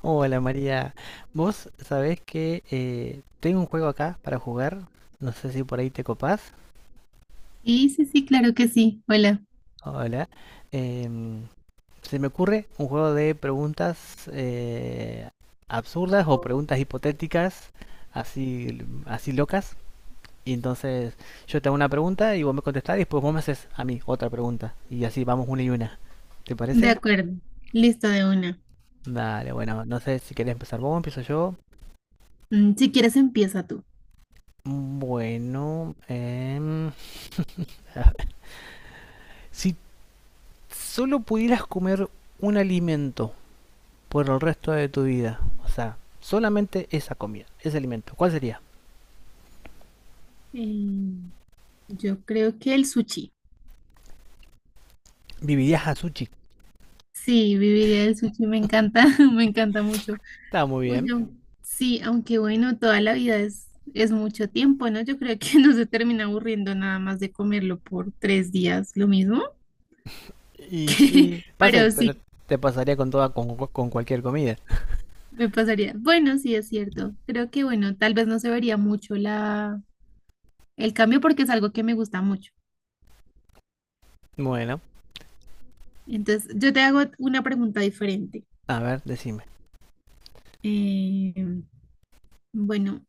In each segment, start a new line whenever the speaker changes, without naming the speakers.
Hola María, vos sabés que tengo un juego acá para jugar, no sé si por ahí te copás.
Sí, sí, sí, claro que sí. Hola.
Hola. Em, Se me ocurre un juego de preguntas absurdas o preguntas hipotéticas, así, así locas. Y entonces yo te hago una pregunta y vos me contestás y después vos me haces a mí otra pregunta. Y así vamos una y una. ¿Te
De
parece?
acuerdo. Listo de una.
Dale, bueno, no sé si querés empezar vos, empiezo yo.
Si quieres, empieza tú.
Bueno, si solo pudieras comer un alimento por el resto de tu vida, o sea, solamente esa comida, ese alimento, ¿cuál sería?
Eh, yo creo que el sushi.
Vivirías a sushi.
Sí, viviría el sushi, me encanta, me encanta mucho.
Está muy
Uy,
bien.
no. Sí, aunque bueno, toda la vida es mucho tiempo, ¿no? Yo creo que no se termina aburriendo nada más de comerlo por 3 días, lo mismo.
Y sí, pasa,
Pero
pero
sí,
te pasaría con toda, con cualquier comida.
me pasaría. Bueno, sí, es cierto. Creo que bueno, tal vez no se vería mucho el cambio porque es algo que me gusta mucho.
Bueno,
Entonces, yo te hago una pregunta diferente.
a ver, decime.
Eh, bueno,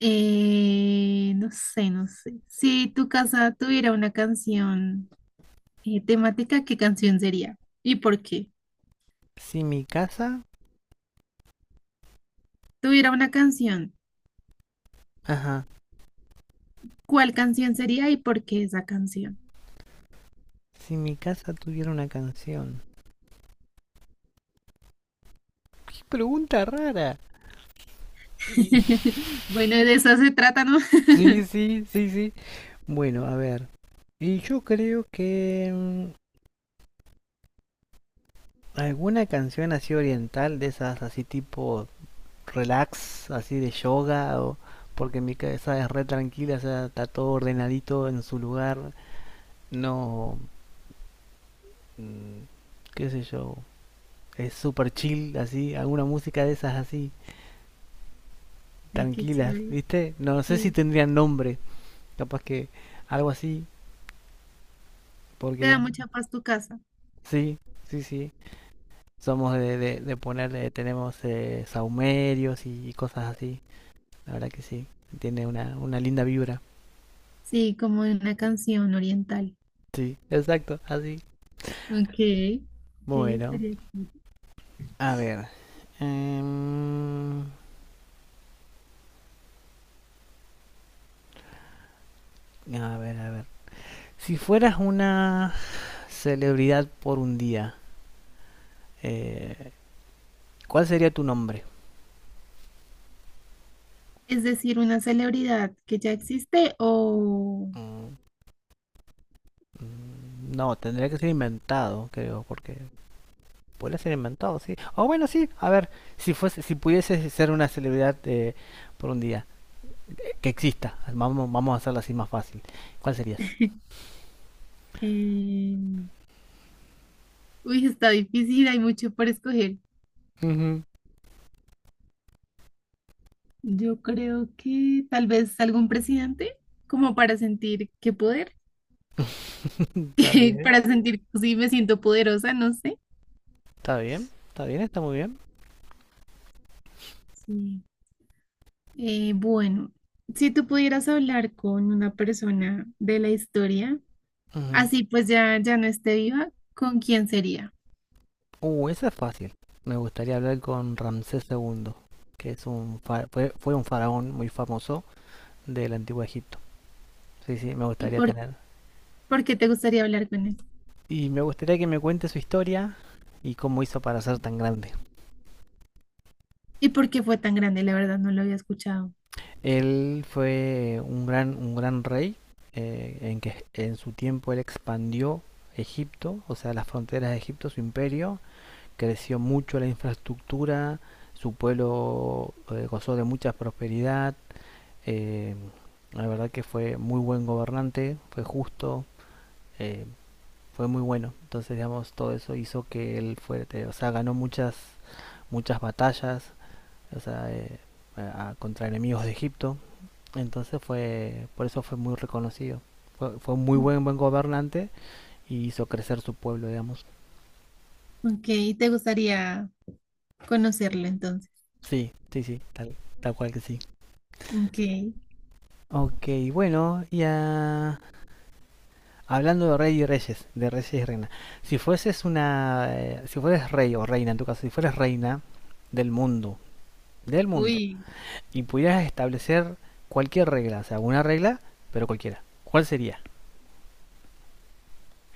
no sé, no sé. Si tu casa tuviera una canción temática, ¿qué canción sería? ¿Y por qué?
Si mi casa,
Tuviera una canción,
ajá,
¿cuál canción sería y por qué esa canción?
si mi casa tuviera una canción. Qué pregunta rara.
Bueno, de eso se trata, ¿no?
Sí, sí, sí, sí. Bueno, a ver. Y yo creo que ¿alguna canción así oriental de esas así tipo relax, así de yoga? O, porque mi cabeza es re tranquila, o sea, está todo ordenadito en su lugar. No, mm, qué sé yo, es super chill, así, alguna música de esas así,
Ay, qué
tranquilas,
chévere.
¿viste? No sé si
Sí,
tendrían nombre, capaz que algo así,
te
porque
da mucha paz tu casa.
sí, sí, sí. Somos de ponerle, tenemos saumerios y cosas así, la verdad que sí, tiene una linda vibra.
Sí, como una canción oriental.
Sí, exacto, así.
Ok, ok,
Bueno,
estaría chévere.
a ver. em, a ver, a ver. Si fueras una celebridad por un día, eh, ¿cuál sería tu nombre?
Es decir, una celebridad que ya existe o...
Mm, No, tendría que ser inventado, creo, porque puede ser inventado, sí. O bueno, sí, a ver, si fuese, si pudiese ser una celebridad por un día, que exista, vamos, vamos a hacerlo así más fácil. ¿Cuál serías?
eh, Uy, está difícil, hay mucho por escoger.
Ujú.
Yo creo que tal vez algún presidente, como para sentir qué poder,
Está
que
bien.
para sentir si me siento poderosa, no sé.
Está bien, está bien, está muy bien.
Sí. Bueno, si tú pudieras hablar con una persona de la historia,
Ujú.
así pues ya no esté viva, ¿con quién sería?
Esa es fácil. Me gustaría hablar con Ramsés II, que es un fue un faraón muy famoso del antiguo Egipto. Sí, sí, me
¿Y
gustaría
por,
tener.
por qué te gustaría hablar con él?
Y me gustaría que me cuente su historia y cómo hizo para ser tan grande.
¿Y por qué fue tan grande? La verdad no lo había escuchado.
Él fue un gran rey en su tiempo él expandió Egipto, o sea, las fronteras de Egipto, su imperio, creció mucho la infraestructura, su pueblo gozó de mucha prosperidad. Eh, la verdad que fue muy buen gobernante, fue justo, eh, fue muy bueno. Entonces, digamos, todo eso hizo que él fuerte, o sea, ganó muchas, muchas batallas, o sea, contra enemigos de Egipto. Entonces fue, por eso fue muy reconocido. Fue, fue un muy
Mm.
buen, buen gobernante y hizo crecer su pueblo, digamos.
Ok, te gustaría conocerlo entonces.
Sí, sí, sí, tal, tal cual que sí.
Ok,
Ok, bueno, ya hablando de rey y reyes, de reyes y reina. Si fueses una, si fueres rey o reina, en tu caso, si fueres reina del mundo, del mundo,
uy,
y pudieras establecer cualquier regla, o sea, una regla, pero cualquiera, ¿cuál sería?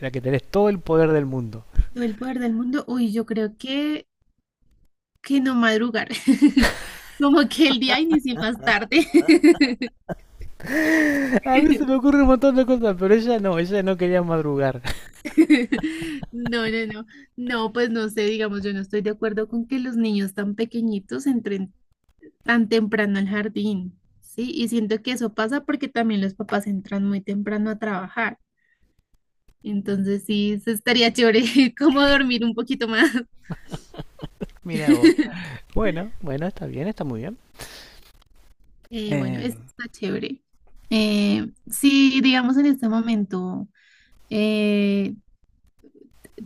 La que tenés todo el poder del mundo.
el poder del mundo. Uy, yo creo que no madrugar. Como que el día inicie más tarde.
A mí se me ocurre un montón de cosas, pero ella no quería madrugar.
No, no, no. No, pues no sé, digamos, yo no estoy de acuerdo con que los niños tan pequeñitos entren tan temprano al jardín, ¿sí? Y siento que eso pasa porque también los papás entran muy temprano a trabajar. Entonces sí, eso estaría chévere, como dormir un poquito más.
Mira vos. Bueno, bueno, está bien, está muy bien.
Bueno,
Eh,
eso está chévere. Si digamos en este momento eh,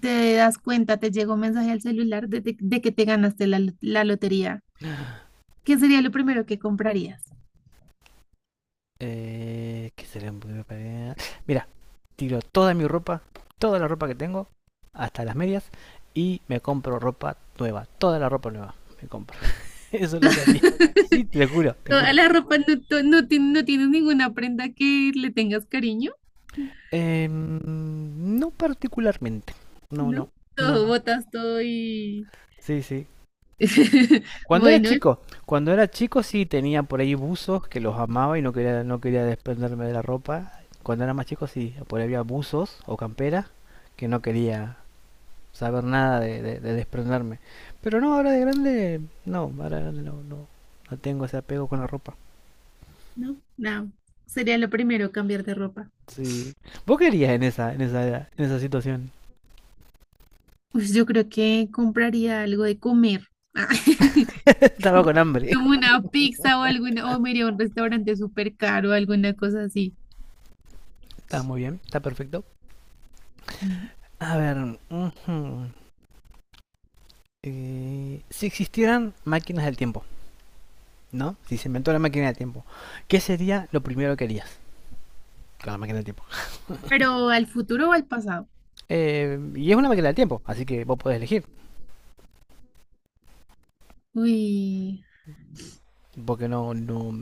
te das cuenta, te llegó un mensaje al celular de que te ganaste la lotería, ¿qué sería lo primero que comprarías?
¿Qué sería? Mira, tiro toda mi ropa, toda la ropa que tengo, hasta las medias, y me compro ropa nueva, toda la ropa nueva me compro. Eso es lo que haría. Sí, te juro, te
Toda
juro.
la ropa, no, no no tienes ninguna prenda que le tengas cariño.
No particularmente. No, no,
¿No?
no,
Todo,
no.
botas todo y...
Sí, sí. Cuando era
Bueno,
chico, cuando era chico sí tenía por ahí buzos que los amaba y no quería, no quería desprenderme de la ropa. Cuando era más chico sí, por ahí había buzos o camperas que no quería saber nada de desprenderme. Pero no, ahora de grande, no, ahora de grande no, no, no tengo ese apego con la ropa.
no, no. Sería lo primero cambiar de ropa.
Sí. ¿Vos qué harías en esa, en esa en esa situación?
Pues yo creo que compraría algo de comer.
Estaba con hambre.
Como una pizza o alguna, o me iría a un restaurante súper caro, alguna cosa así.
Está muy bien, está perfecto.
Mm.
A ver, ujú, si existieran máquinas del tiempo, ¿no? Si se inventó la máquina del tiempo, ¿qué sería lo primero que harías con la máquina del tiempo?
Pero al futuro o al pasado.
Y es una máquina del tiempo, así que vos podés elegir,
Uy,
porque no, no,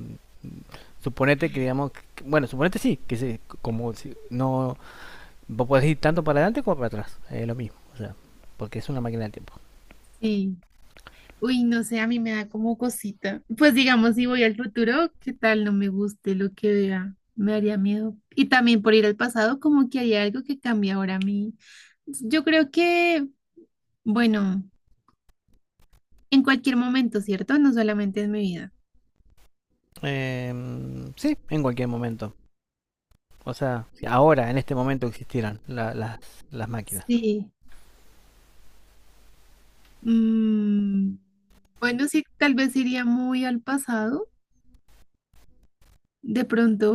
suponete que digamos, bueno, suponete sí, que se, como si no vos podés ir tanto para adelante como para atrás, es lo mismo, o sea, porque es una máquina del tiempo.
sí. Uy, no sé, a mí me da como cosita. Pues digamos, si voy al futuro, ¿qué tal no me guste lo que vea? Me haría miedo. Y también por ir al pasado, como que haría algo que cambie ahora a mí. Yo creo que, bueno, en cualquier momento, ¿cierto? No solamente en mi vida.
Sí, en cualquier momento. O sea, si ahora, en este momento existieran las máquinas.
Sí. Mm, bueno, sí, tal vez iría muy al pasado. De pronto,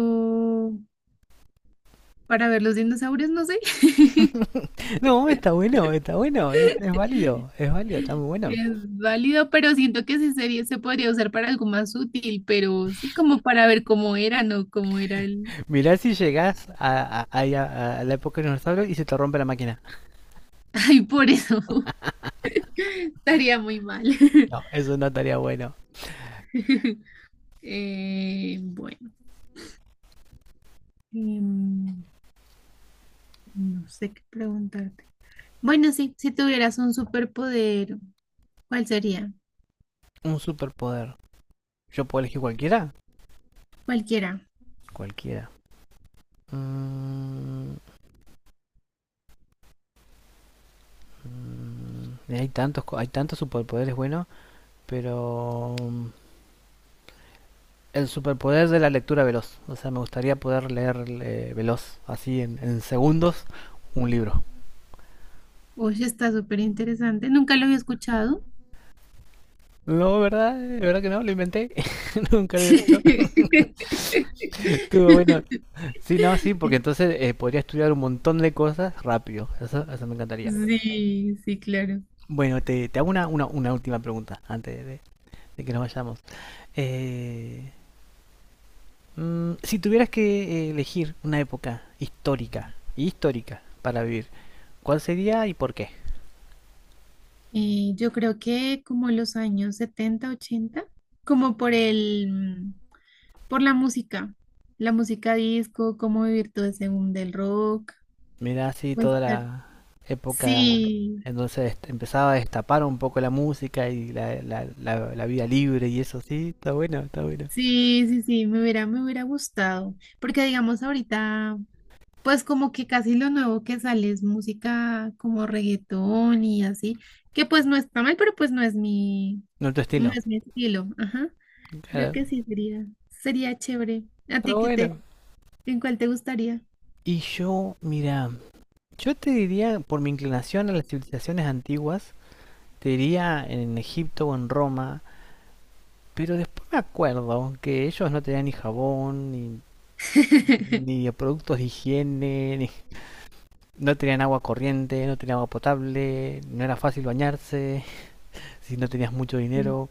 para ver los dinosaurios, no sé.
No, está bueno, es válido, está muy bueno.
Es válido, pero siento que ese sería, se podría usar para algo más útil, pero sí como para ver cómo era, ¿no? Cómo era el...
Mirá si llegás a la época de los dinosaurios y se te rompe la máquina.
Ay, por eso estaría muy mal.
No, eso no estaría bueno.
Bueno, em, no sé qué preguntarte. Bueno, sí, si tuvieras un superpoder, ¿cuál sería?
Un superpoder. ¿Yo puedo elegir cualquiera?
Cualquiera.
Cualquiera. Mm, hay tantos superpoderes buenos, pero el superpoder de la lectura veloz. O sea, me gustaría poder leer veloz, así en segundos, un libro.
Oye, está súper interesante. Nunca lo había escuchado.
No, ¿verdad? ¿De verdad que no? Lo inventé. Nunca lo he visto. Estuvo bueno. Sí, no, sí, porque entonces podría estudiar un montón de cosas rápido. Eso me encantaría.
Sí, sí, claro.
Bueno, te hago una última pregunta antes de que nos vayamos. Eh, si tuvieras que elegir una época histórica y histórica para vivir, ¿cuál sería y por qué?
Yo creo que como los años 70 80 como por la música, disco, cómo vivir todo ese boom del rock,
Mira, así
pues
toda
estar-
la época
sí,
en donde empezaba a destapar un poco la música y la, la vida libre y eso, sí, está bueno, está bueno.
sí, sí, sí, me hubiera gustado, porque digamos ahorita, pues como que casi lo nuevo que sale es música como reggaetón y así, que pues no está mal, pero pues no es mi,
No tu
no
estilo,
es mi estilo, ajá. Creo
claro.
que sí sería chévere. ¿A
Está
ti qué te,
bueno.
¿En cuál te gustaría?
Y yo, mira, yo te diría, por mi inclinación a las civilizaciones antiguas, te diría en Egipto o en Roma, pero después me acuerdo que ellos no tenían ni jabón, ni ni de productos de higiene, ni- no tenían agua corriente, no tenían agua potable, no era fácil bañarse, si no tenías mucho
Sí,
dinero,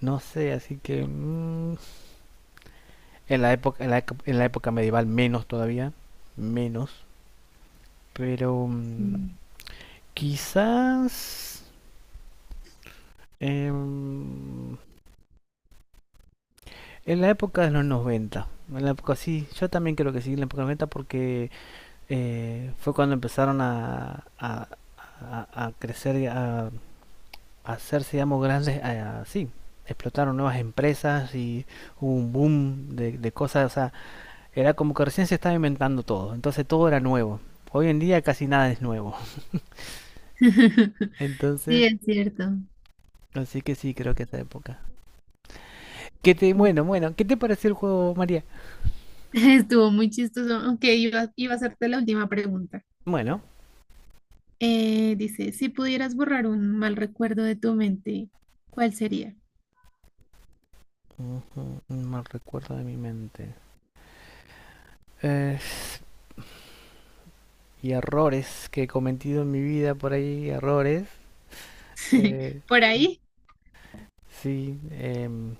no sé, así que en la época en en la época medieval menos todavía, menos, pero
sí.
quizás em, en la época de los 90, en la época sí, yo también creo que sí, en la época de los 90 porque fue cuando empezaron a crecer, a hacerse, digamos, grandes, así, explotaron nuevas empresas y hubo un boom de cosas, o sea, era como que recién se estaba inventando todo, entonces todo era nuevo. Hoy en día casi nada es nuevo. Entonces,
Sí, es cierto.
así que sí, creo que esa época. ¿Qué te,
Sí.
bueno, bueno, ¿qué te pareció el juego, María?
Estuvo muy chistoso. Aunque iba a hacerte la última pregunta.
Bueno,
Dice, si pudieras borrar un mal recuerdo de tu mente, ¿cuál sería?
ujú, un mal recuerdo de mi mente. Eh, y errores que he cometido en mi vida por ahí, errores. eh,
¿Por ahí?
sí, em,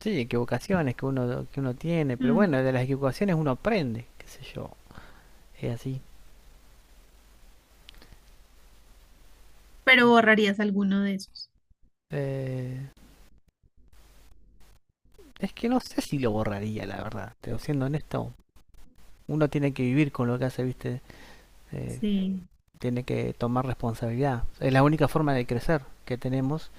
Sí, equivocaciones que uno tiene, pero
Mm.
bueno, de las equivocaciones uno aprende, qué sé yo, es así.
Pero borrarías alguno de esos.
Eh, es que no sé si lo borraría, la verdad, pero siendo honesto, uno tiene que vivir con lo que hace, viste, Eh,
Sí,
tiene que tomar responsabilidad. Es la única forma de crecer que tenemos,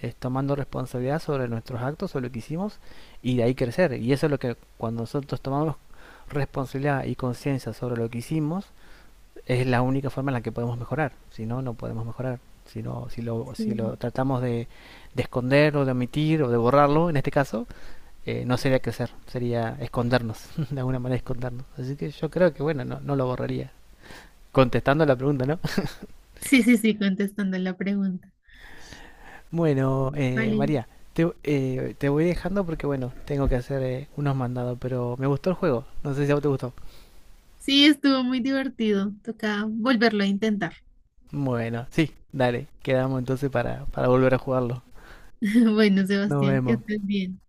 es tomando responsabilidad sobre nuestros actos, sobre lo que hicimos, y de ahí crecer. Y eso es lo que cuando nosotros tomamos responsabilidad y conciencia sobre lo que hicimos, es la única forma en la que podemos mejorar. Si no, no podemos mejorar. Si, no, si, lo,
sí.
si lo tratamos de esconder o de omitir o de borrarlo, en este caso, no sería crecer, sería escondernos, de alguna manera escondernos. Así que yo creo que, bueno, no, no lo borraría. Contestando la pregunta, ¿no?
Sí, sí, sí, contestando la pregunta.
Bueno,
Válido.
María, te, te voy dejando porque, bueno, tengo que hacer unos mandados, pero me gustó el juego. No sé si a vos te gustó.
Sí, estuvo muy divertido. Toca volverlo a intentar.
Bueno, sí, dale, quedamos entonces para volver a jugarlo.
Bueno,
Nos
Sebastián, que
vemos.
estés bien.